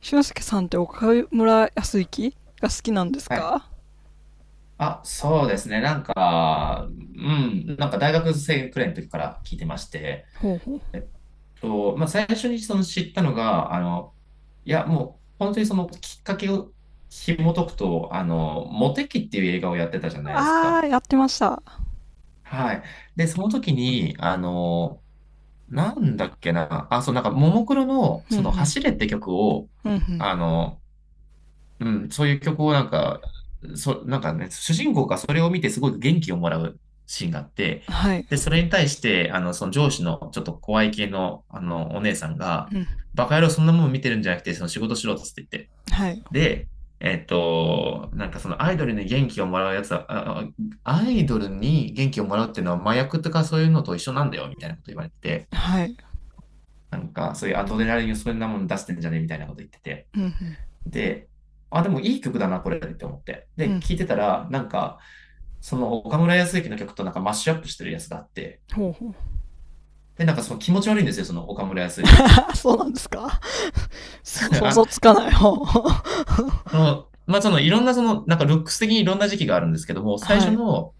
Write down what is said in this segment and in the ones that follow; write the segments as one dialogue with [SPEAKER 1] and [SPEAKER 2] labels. [SPEAKER 1] 俊介さんって岡村康之が好きなんです
[SPEAKER 2] はい。
[SPEAKER 1] か？
[SPEAKER 2] あ、そうですね。なんか、うん、なんか大学生くらいの時から聞いてまして、
[SPEAKER 1] ほうほう。
[SPEAKER 2] えっまあ、最初にその知ったのが、いや、もう、本当にそのきっかけを紐解くと、モテキっていう映画をやってたじゃないです
[SPEAKER 1] あ
[SPEAKER 2] か。
[SPEAKER 1] ー、やってました。
[SPEAKER 2] はい。で、その時に、なんだっけな、あ、そう、なんか、ももクロの、
[SPEAKER 1] うん
[SPEAKER 2] 走れって曲を、
[SPEAKER 1] うん。うんうん。
[SPEAKER 2] あの、うん、そういう曲をなんか、なんかね、主人公がそれを見てすごく元気をもらうシーンがあって、
[SPEAKER 1] はい。
[SPEAKER 2] で、それに対して、その上司のちょっと怖い系の、お姉さんが、
[SPEAKER 1] うん。
[SPEAKER 2] バカ野郎そんなもん見てるんじゃなくて、その仕事しろっつって言って。
[SPEAKER 1] はい。
[SPEAKER 2] で、なんかそのアイドルに元気をもらうやつは、アイドルに元気をもらうっていうのは麻薬とかそういうのと一緒なんだよ、みたいなこと言われてて、
[SPEAKER 1] はい。
[SPEAKER 2] なんかそういうアドレナリンをそんなもん出してんじゃねえみたいなこと言ってて。
[SPEAKER 1] うんうん。
[SPEAKER 2] で、あ、でもいい曲だな、これって思って。
[SPEAKER 1] う
[SPEAKER 2] で、
[SPEAKER 1] ん。
[SPEAKER 2] 聴いてたら、なんか、その岡村康之の曲となんかマッシュアップしてるやつがあって、
[SPEAKER 1] ほうほう。
[SPEAKER 2] で、なんかその気持ち悪いんですよ、その岡村康之。
[SPEAKER 1] そうなんですか？ そ、想
[SPEAKER 2] あ、
[SPEAKER 1] 像つかない。ほう。
[SPEAKER 2] まあ、そのいろんなその、なんかルックス的にいろんな時期があるんですけども、最
[SPEAKER 1] は
[SPEAKER 2] 初
[SPEAKER 1] い。
[SPEAKER 2] の、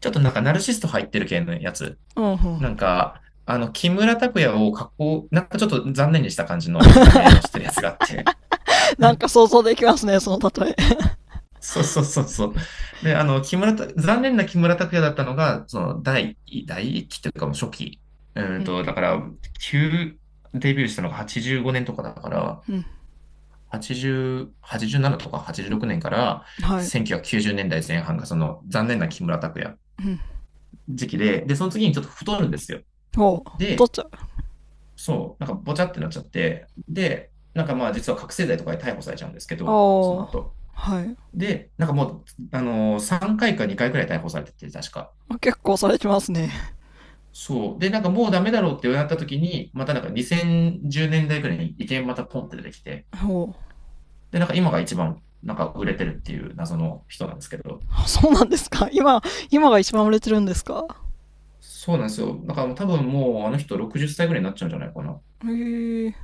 [SPEAKER 2] ちょっとなんかナルシスト入ってる系のやつ、
[SPEAKER 1] うんうん。
[SPEAKER 2] なんか、木村拓哉を加工、なんかちょっと残念にした感じの見た目をしてるやつがあって、
[SPEAKER 1] なんか 想像できますね、その例え。
[SPEAKER 2] そうそうそうそう。で、木村拓、残念な木村拓哉だったのが、第一期というか、もう初期。
[SPEAKER 1] うん。
[SPEAKER 2] だから、旧、デビューしたのが85年とかだから、
[SPEAKER 1] うん。
[SPEAKER 2] 80、87とか
[SPEAKER 1] う
[SPEAKER 2] 86
[SPEAKER 1] ん。
[SPEAKER 2] 年から
[SPEAKER 1] はい。
[SPEAKER 2] 1990年代前半がその残念な木村拓哉
[SPEAKER 1] うん。
[SPEAKER 2] 時期で、で、その次にちょっと太るんですよ。
[SPEAKER 1] ほう。お父
[SPEAKER 2] で、
[SPEAKER 1] ちゃん。あ
[SPEAKER 2] そう、なんかぼちゃってなっちゃって、で、なんかまあ実は覚醒剤とかで逮捕されちゃうんですけど、その
[SPEAKER 1] あ。
[SPEAKER 2] 後。
[SPEAKER 1] はい。
[SPEAKER 2] で、なんかもう、3回か2回くらい逮捕されてて、確か。
[SPEAKER 1] 結構されてますね。
[SPEAKER 2] そう。で、なんかもうダメだろうってなった時に、またなんか2010年代くらいに意見またポンって出てきて、
[SPEAKER 1] ほう。
[SPEAKER 2] で、なんか今が一番なんか売れてるっていう謎の人なんですけど、
[SPEAKER 1] そうなんですか今？今が一番売れてるんですか？
[SPEAKER 2] そうなんですよ。だからもう多分もうあの人60歳くらいになっちゃうんじゃないかな。
[SPEAKER 1] へえ。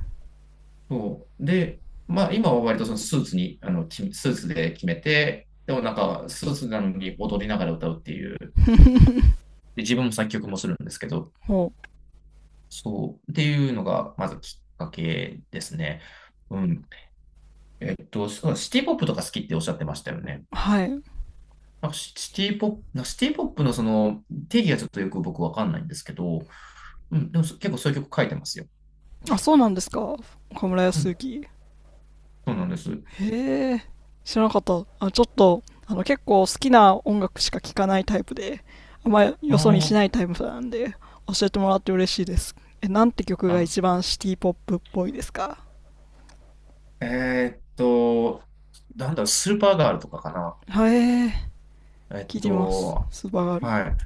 [SPEAKER 2] そう。で、まあ今は割とそのスーツに、スーツで決めて、でもなんかスーツなのに踊りながら歌うっていう、で、自分も作曲もするんですけど、
[SPEAKER 1] お、
[SPEAKER 2] そう、っていうのが、まずきっかけですね。うん。そう、シティポップとか好きっておっしゃってましたよね。
[SPEAKER 1] はい。
[SPEAKER 2] なんかシシティポップ、なんかシティポップのその定義がちょっとよく僕わかんないんですけど、うん、でも結構そういう曲書いてますよ。お
[SPEAKER 1] あ、
[SPEAKER 2] そら
[SPEAKER 1] そう
[SPEAKER 2] く。
[SPEAKER 1] なんですか？岡村
[SPEAKER 2] う
[SPEAKER 1] 康
[SPEAKER 2] ん、
[SPEAKER 1] 之。
[SPEAKER 2] そうなんです。
[SPEAKER 1] へえ、知らなかった。あ、ちょっと、結構好きな音楽しか聴かないタイプで、あんまりよそ見しな
[SPEAKER 2] あ
[SPEAKER 1] いタイプなんで、教えてもらって嬉しいです。え、なんて曲
[SPEAKER 2] あ、
[SPEAKER 1] が
[SPEAKER 2] あ、
[SPEAKER 1] 一番シティポップっぽいですか？
[SPEAKER 2] えーっと、なんだろう、スーパーガールとかかな。
[SPEAKER 1] はい、
[SPEAKER 2] えっ
[SPEAKER 1] 聞いてます。
[SPEAKER 2] と、
[SPEAKER 1] スーパーガール。
[SPEAKER 2] はい。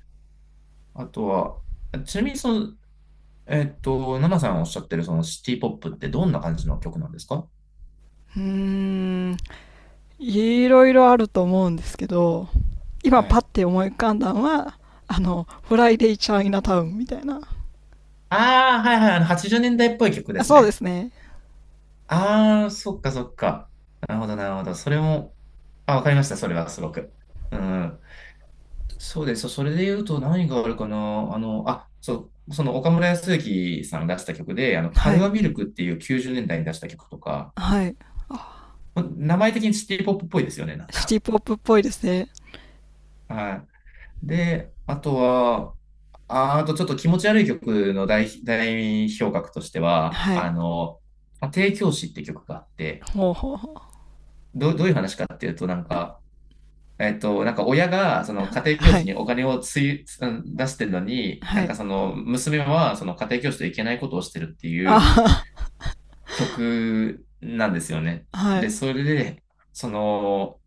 [SPEAKER 2] あとは、ちなみにその、ナナさんおっしゃってるそのシティポップってどんな感じの曲なんですか？
[SPEAKER 1] うーん、いろいろあると思うんですけど、今
[SPEAKER 2] は
[SPEAKER 1] パッ
[SPEAKER 2] い。
[SPEAKER 1] て思い浮かんだのは、フライデーチャイナタウンみたいな。
[SPEAKER 2] ああ、はいはい、80年代っぽい曲で
[SPEAKER 1] あ、
[SPEAKER 2] す
[SPEAKER 1] そうで
[SPEAKER 2] ね。
[SPEAKER 1] すね。
[SPEAKER 2] ああ、そっかそっか。なるほど、なるほど。それも、あ、わかりました、それはすごく。うん。そうです。それで言うと何があるかな。あ、そう、その岡村康之さんが出した曲で、カ
[SPEAKER 1] は
[SPEAKER 2] ル
[SPEAKER 1] い。
[SPEAKER 2] アミルクっていう90年代に出した曲とか、
[SPEAKER 1] はい。
[SPEAKER 2] 名前的にシティポップっぽいですよね、なん
[SPEAKER 1] シテ
[SPEAKER 2] か。
[SPEAKER 1] ィポップっぽいですね。
[SPEAKER 2] はい。で、あとは、あ、あとちょっと気持ち悪い曲の代表格としては、
[SPEAKER 1] はい。
[SPEAKER 2] 家庭教師って曲があって、
[SPEAKER 1] ほうほうほう。
[SPEAKER 2] どういう話かっていうと、なん
[SPEAKER 1] あ、
[SPEAKER 2] か、なんか親が、その家庭教
[SPEAKER 1] は
[SPEAKER 2] 師
[SPEAKER 1] い。
[SPEAKER 2] にお金をつい、つうん出してるのに、な
[SPEAKER 1] は
[SPEAKER 2] ん
[SPEAKER 1] い。
[SPEAKER 2] かその娘は、その家庭教師といけないことをしてるっていう
[SPEAKER 1] あ
[SPEAKER 2] 曲なんですよね。
[SPEAKER 1] あ、は
[SPEAKER 2] で、
[SPEAKER 1] い。
[SPEAKER 2] それで、その、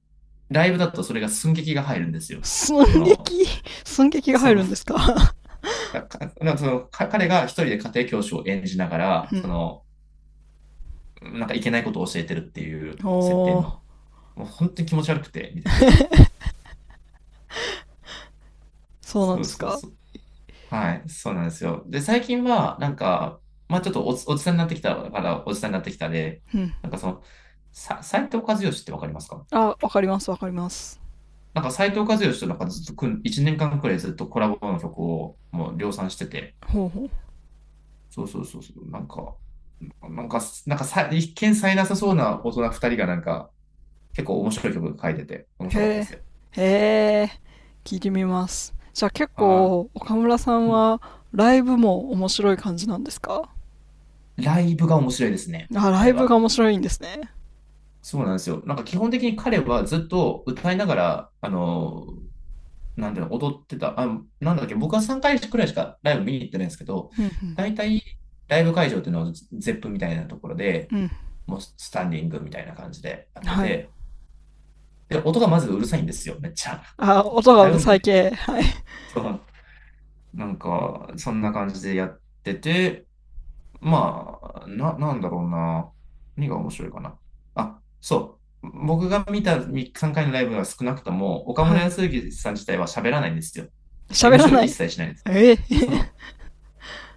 [SPEAKER 2] ライブだとそれが寸劇が入るんですよ。そ
[SPEAKER 1] 寸
[SPEAKER 2] の、
[SPEAKER 1] 劇、寸劇が
[SPEAKER 2] そ
[SPEAKER 1] 入
[SPEAKER 2] の、
[SPEAKER 1] るんですか？
[SPEAKER 2] なんか彼が一人で家庭教師を演じなが ら、
[SPEAKER 1] うん。
[SPEAKER 2] なんかいけないことを教えてるっていう設定
[SPEAKER 1] おー、
[SPEAKER 2] の、もう本当に気持ち悪くて、見てて。
[SPEAKER 1] そうなん
[SPEAKER 2] そう
[SPEAKER 1] です
[SPEAKER 2] そう
[SPEAKER 1] か。
[SPEAKER 2] そう。はい、そうなんですよ。で、最近は、なんか、まあちょっとおじさんになってきたから、おじさんになってきたで、
[SPEAKER 1] うん。
[SPEAKER 2] なんかその、斉藤和義ってわかりますか？
[SPEAKER 1] あ、わかりますわかります。
[SPEAKER 2] なんか斉藤和義となんかずっと1年間くらいずっとコラボの曲をもう量産してて、
[SPEAKER 1] ほうほう。
[SPEAKER 2] そうそうそうそう、なんか、さ、一見さえなさそうな大人2人がなんか、結構面白い曲書いてて、面
[SPEAKER 1] へ
[SPEAKER 2] 白かったで
[SPEAKER 1] え。
[SPEAKER 2] すよ。
[SPEAKER 1] へえ。聞いてみます。じゃあ結
[SPEAKER 2] は
[SPEAKER 1] 構、岡村さん
[SPEAKER 2] い。うん。
[SPEAKER 1] はライブも面白い感じなんですか？
[SPEAKER 2] ライブが面白いですね、
[SPEAKER 1] あ、ラ
[SPEAKER 2] 彼
[SPEAKER 1] イブが
[SPEAKER 2] は。
[SPEAKER 1] 面白いんですね。
[SPEAKER 2] そうなんですよ。なんか基本的に彼はずっと歌いながら、なんていうの、踊ってた。あ、なんだっけ、僕は3回くらいしかライブ見に行ってないんですけど、
[SPEAKER 1] うん、
[SPEAKER 2] 大体ライブ会場っていうのはゼップみたいなところで、
[SPEAKER 1] うん。うん。
[SPEAKER 2] もうスタンディングみたいな感じでやって
[SPEAKER 1] はい。
[SPEAKER 2] て、で、音がまずうるさいんですよ、めっちゃ。
[SPEAKER 1] あ、音 がう
[SPEAKER 2] 大
[SPEAKER 1] る
[SPEAKER 2] 音
[SPEAKER 1] さ
[SPEAKER 2] 量
[SPEAKER 1] い
[SPEAKER 2] で。
[SPEAKER 1] 系。はい。
[SPEAKER 2] そう、なんか、そんな感じでやってて、まあ、なんだろうな。何が面白いかな。あ、そう。僕が見た3回のライブは少なくとも、岡
[SPEAKER 1] は
[SPEAKER 2] 村
[SPEAKER 1] い。
[SPEAKER 2] 康之さん自体は喋らないんですよ。
[SPEAKER 1] 喋ら
[SPEAKER 2] MC を
[SPEAKER 1] な
[SPEAKER 2] 一
[SPEAKER 1] い。
[SPEAKER 2] 切しないんです。
[SPEAKER 1] え
[SPEAKER 2] そ
[SPEAKER 1] え。
[SPEAKER 2] う。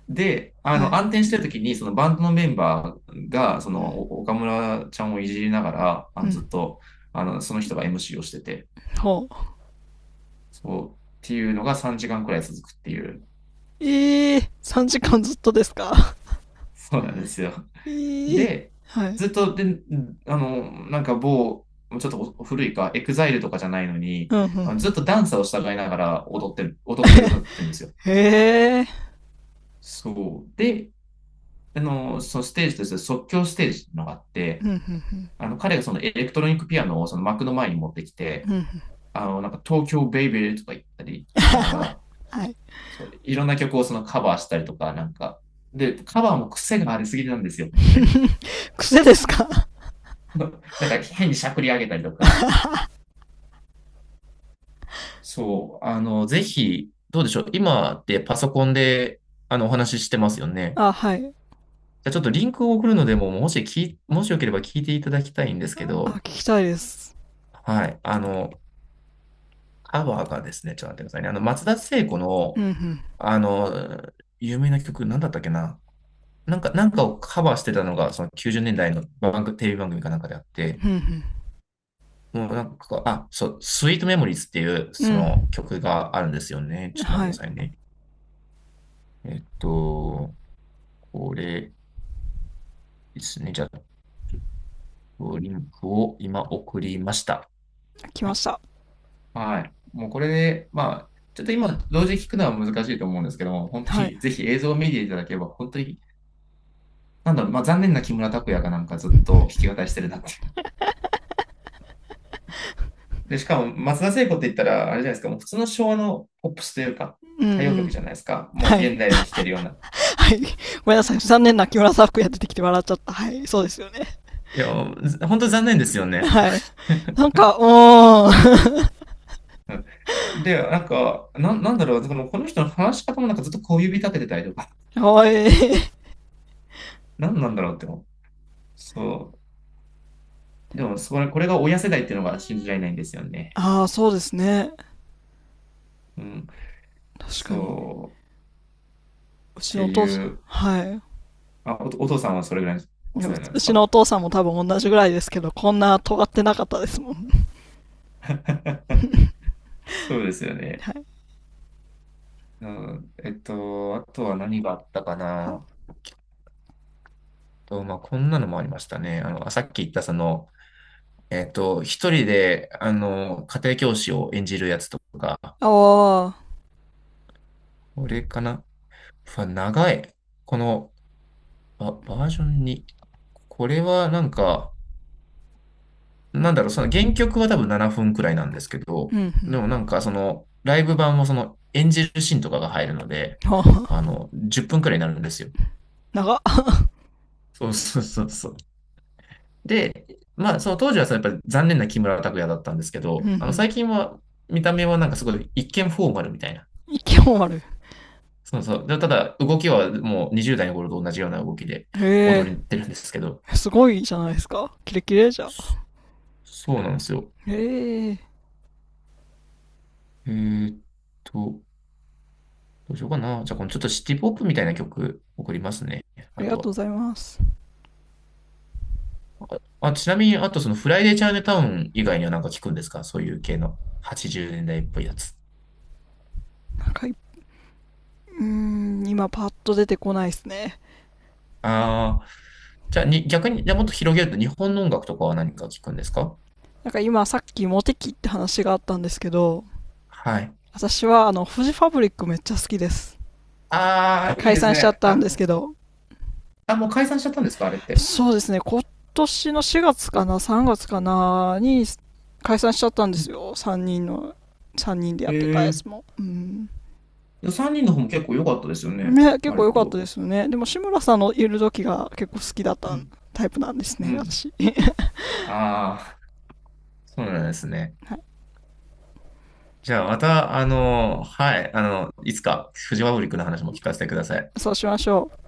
[SPEAKER 2] で、
[SPEAKER 1] はい。
[SPEAKER 2] 暗転してる時に、そのバンドのメンバーが、
[SPEAKER 1] うん。
[SPEAKER 2] お岡村ちゃんをいじりながら、
[SPEAKER 1] うん。
[SPEAKER 2] ずっと、その人が MC をしてて、
[SPEAKER 1] ほう。
[SPEAKER 2] そう、っていうのが3時間くらい続くっていう。
[SPEAKER 1] ええ、3時間ずっとですか。
[SPEAKER 2] そうなんですよ。
[SPEAKER 1] ええー。
[SPEAKER 2] で、
[SPEAKER 1] はい。
[SPEAKER 2] ずっと、で、あの、なんか某、ちょっと古いか、エグザイルとかじゃないのに、
[SPEAKER 1] うん
[SPEAKER 2] ずっとダンサーを従いながら
[SPEAKER 1] うん。
[SPEAKER 2] 踊って歌ってるんですよ。
[SPEAKER 1] へえ。
[SPEAKER 2] そう。で、そのステージとして即興ステージっていうのがあっ
[SPEAKER 1] うん
[SPEAKER 2] て、
[SPEAKER 1] うんうん。
[SPEAKER 2] 彼がそのエレクトロニックピアノをその幕の前に持ってき
[SPEAKER 1] うん
[SPEAKER 2] て、
[SPEAKER 1] うん。
[SPEAKER 2] なんか東京ベイベーとか言ったりしながら、
[SPEAKER 1] はい。
[SPEAKER 2] そう、いろんな曲をカバーしたりとか、なんか、で、カバーも癖がありすぎなんですよ、本当に。
[SPEAKER 1] 癖ですか？
[SPEAKER 2] なんか変にしゃくり上げたりとか、そう、ぜひ、どうでしょう。今ってパソコンで、お話ししてますよね。
[SPEAKER 1] あ、はい。
[SPEAKER 2] じゃあちょっとリンクを送るのでも、もしき、もしよければ聞いていただきたいんですけ
[SPEAKER 1] あ、聞
[SPEAKER 2] ど、
[SPEAKER 1] きたいです。
[SPEAKER 2] はい。カバーがですね、ちょっと待ってくださいね。松田聖子
[SPEAKER 1] う
[SPEAKER 2] の、
[SPEAKER 1] んうん。
[SPEAKER 2] あの、有名な曲、なんだったっけな。なんか、なんかをカバーしてたのが、その90年代の番組、テレビ番組かなんかであって、
[SPEAKER 1] うん
[SPEAKER 2] もうなんか、あ、そう、スイートメモリーズっていう、
[SPEAKER 1] う
[SPEAKER 2] そ
[SPEAKER 1] ん。
[SPEAKER 2] の曲があるんですよね。
[SPEAKER 1] う
[SPEAKER 2] ち
[SPEAKER 1] ん。
[SPEAKER 2] ょっと待
[SPEAKER 1] は
[SPEAKER 2] ってく
[SPEAKER 1] い。
[SPEAKER 2] ださいね。えっと、これ、ですね。じゃあ、ちょっとリンクを今送りました。
[SPEAKER 1] 来ました。
[SPEAKER 2] はい。もうこれで、まあ、ちょっと今、同時に聞くのは難しいと思うんですけども、本当
[SPEAKER 1] はい。
[SPEAKER 2] に ぜひ映像を見ていただければ、本当に、なんだろう、まあ残念な木村拓哉がなんかずっと弾き語りしてるなっていう。で、しかも松田聖子って言ったら、あれじゃないですか、もう普通の昭和のポップスというか、
[SPEAKER 1] うんう
[SPEAKER 2] 歌謡曲
[SPEAKER 1] ん。
[SPEAKER 2] じゃないですか。もう
[SPEAKER 1] はい。
[SPEAKER 2] 現代でも聴けるような。
[SPEAKER 1] はい。ごめんなさい。残念な木村ん服や出てきて笑っちゃった。はい。そうですよね。
[SPEAKER 2] いや、本当残念ですよね。
[SPEAKER 1] はい。なんか、うー
[SPEAKER 2] で、なんか、なんだろう、でもこの人の話し方もなんかずっと小指立ててたりとか、
[SPEAKER 1] ん。かわいい。
[SPEAKER 2] なんなんだろうって思う。そう。でも、それ、これが親世代っていうのが信じられないんですよね。
[SPEAKER 1] ああ、そうですね。
[SPEAKER 2] うん。
[SPEAKER 1] 確かに。
[SPEAKER 2] そう。っ
[SPEAKER 1] うち
[SPEAKER 2] て
[SPEAKER 1] のお父さ
[SPEAKER 2] い
[SPEAKER 1] ん。
[SPEAKER 2] う。
[SPEAKER 1] はい。
[SPEAKER 2] あ、お父さんはそれぐらいの
[SPEAKER 1] い
[SPEAKER 2] お
[SPEAKER 1] や、う
[SPEAKER 2] 世代なんで
[SPEAKER 1] う
[SPEAKER 2] す
[SPEAKER 1] ちの
[SPEAKER 2] か？
[SPEAKER 1] お父さんも多分同じぐらいですけど、こんな尖ってなかったですもん。
[SPEAKER 2] そうですよね。
[SPEAKER 1] はい。
[SPEAKER 2] うん。あとは何があったかな。
[SPEAKER 1] は、
[SPEAKER 2] と、まあ、こんなのもありましたね。さっき言ったその、一人で、家庭教師を演じるやつとか、
[SPEAKER 1] ああ、
[SPEAKER 2] これかな。うわ長い。このバージョン2。これはなんか、なんだろう、その原曲は多分7分くらいなんですけど、
[SPEAKER 1] うんう
[SPEAKER 2] で
[SPEAKER 1] ん。
[SPEAKER 2] もなんかその、ライブ版もその演じるシーンとかが入るので、
[SPEAKER 1] あ
[SPEAKER 2] あ
[SPEAKER 1] あ、
[SPEAKER 2] の、10分くらいになるんですよ。
[SPEAKER 1] 長っ。
[SPEAKER 2] そうそうそうそう。で、まあ、その当時はそのやっぱり残念な木村拓哉だったんですけ
[SPEAKER 1] うん
[SPEAKER 2] ど、
[SPEAKER 1] う
[SPEAKER 2] あの、
[SPEAKER 1] ん。
[SPEAKER 2] 最近は見た目はなんかすごい一見フォーマルみたいな。
[SPEAKER 1] 息も悪い。
[SPEAKER 2] そうそう。で、ただ動きはもう20代の頃と同じような動きで
[SPEAKER 1] へ
[SPEAKER 2] 踊りっ
[SPEAKER 1] え、
[SPEAKER 2] てるんですけど、
[SPEAKER 1] すごいじゃないですか。キレキレじゃん。
[SPEAKER 2] そうなんですよ。
[SPEAKER 1] ええ。
[SPEAKER 2] えーっと、どうしようかな。じゃあ、このちょっとシティポップみたいな曲送りますね。
[SPEAKER 1] あ
[SPEAKER 2] あ
[SPEAKER 1] り
[SPEAKER 2] と
[SPEAKER 1] がとうご
[SPEAKER 2] は。
[SPEAKER 1] ざいます。
[SPEAKER 2] あ、ちなみに、あとそのフライデーチャイナタウン以外にはなんか聞くんですかそういう系の80年代っぽいやつ。
[SPEAKER 1] なんかうーん、今パッと出てこないですね。
[SPEAKER 2] ああ、じゃあに、逆に、じゃあもっと広げると日本の音楽とかは何か聞くんですか？
[SPEAKER 1] なんか今さっきモテ期って話があったんですけど、
[SPEAKER 2] はい。
[SPEAKER 1] 私はフジファブリックめっちゃ好きです。
[SPEAKER 2] ああ、いい
[SPEAKER 1] 解
[SPEAKER 2] です
[SPEAKER 1] 散しちゃっ
[SPEAKER 2] ね。
[SPEAKER 1] た
[SPEAKER 2] あ
[SPEAKER 1] んです
[SPEAKER 2] の、
[SPEAKER 1] けど、
[SPEAKER 2] あ、もう解散しちゃったんですかあれって。
[SPEAKER 1] そうですね、今年の4月かな、3月かなに解散しちゃったんで
[SPEAKER 2] うん
[SPEAKER 1] すよ。3人の、3人でや
[SPEAKER 2] へ
[SPEAKER 1] ってたや
[SPEAKER 2] え。
[SPEAKER 1] つも。うん。
[SPEAKER 2] 3人の方も結構良かったですよね。
[SPEAKER 1] ね、結
[SPEAKER 2] 割
[SPEAKER 1] 構良かった
[SPEAKER 2] と。
[SPEAKER 1] ですよね。でも志村さんのいる時が結構好きだっ
[SPEAKER 2] う
[SPEAKER 1] た
[SPEAKER 2] ん。
[SPEAKER 1] タイプなんです
[SPEAKER 2] う
[SPEAKER 1] ね、
[SPEAKER 2] ん。
[SPEAKER 1] 私。
[SPEAKER 2] ああ、そうなんですね。
[SPEAKER 1] はい。
[SPEAKER 2] じゃあまた、あの、はい、あの、いつかフジファブリックの話も聞かせてください。
[SPEAKER 1] そうしましょう。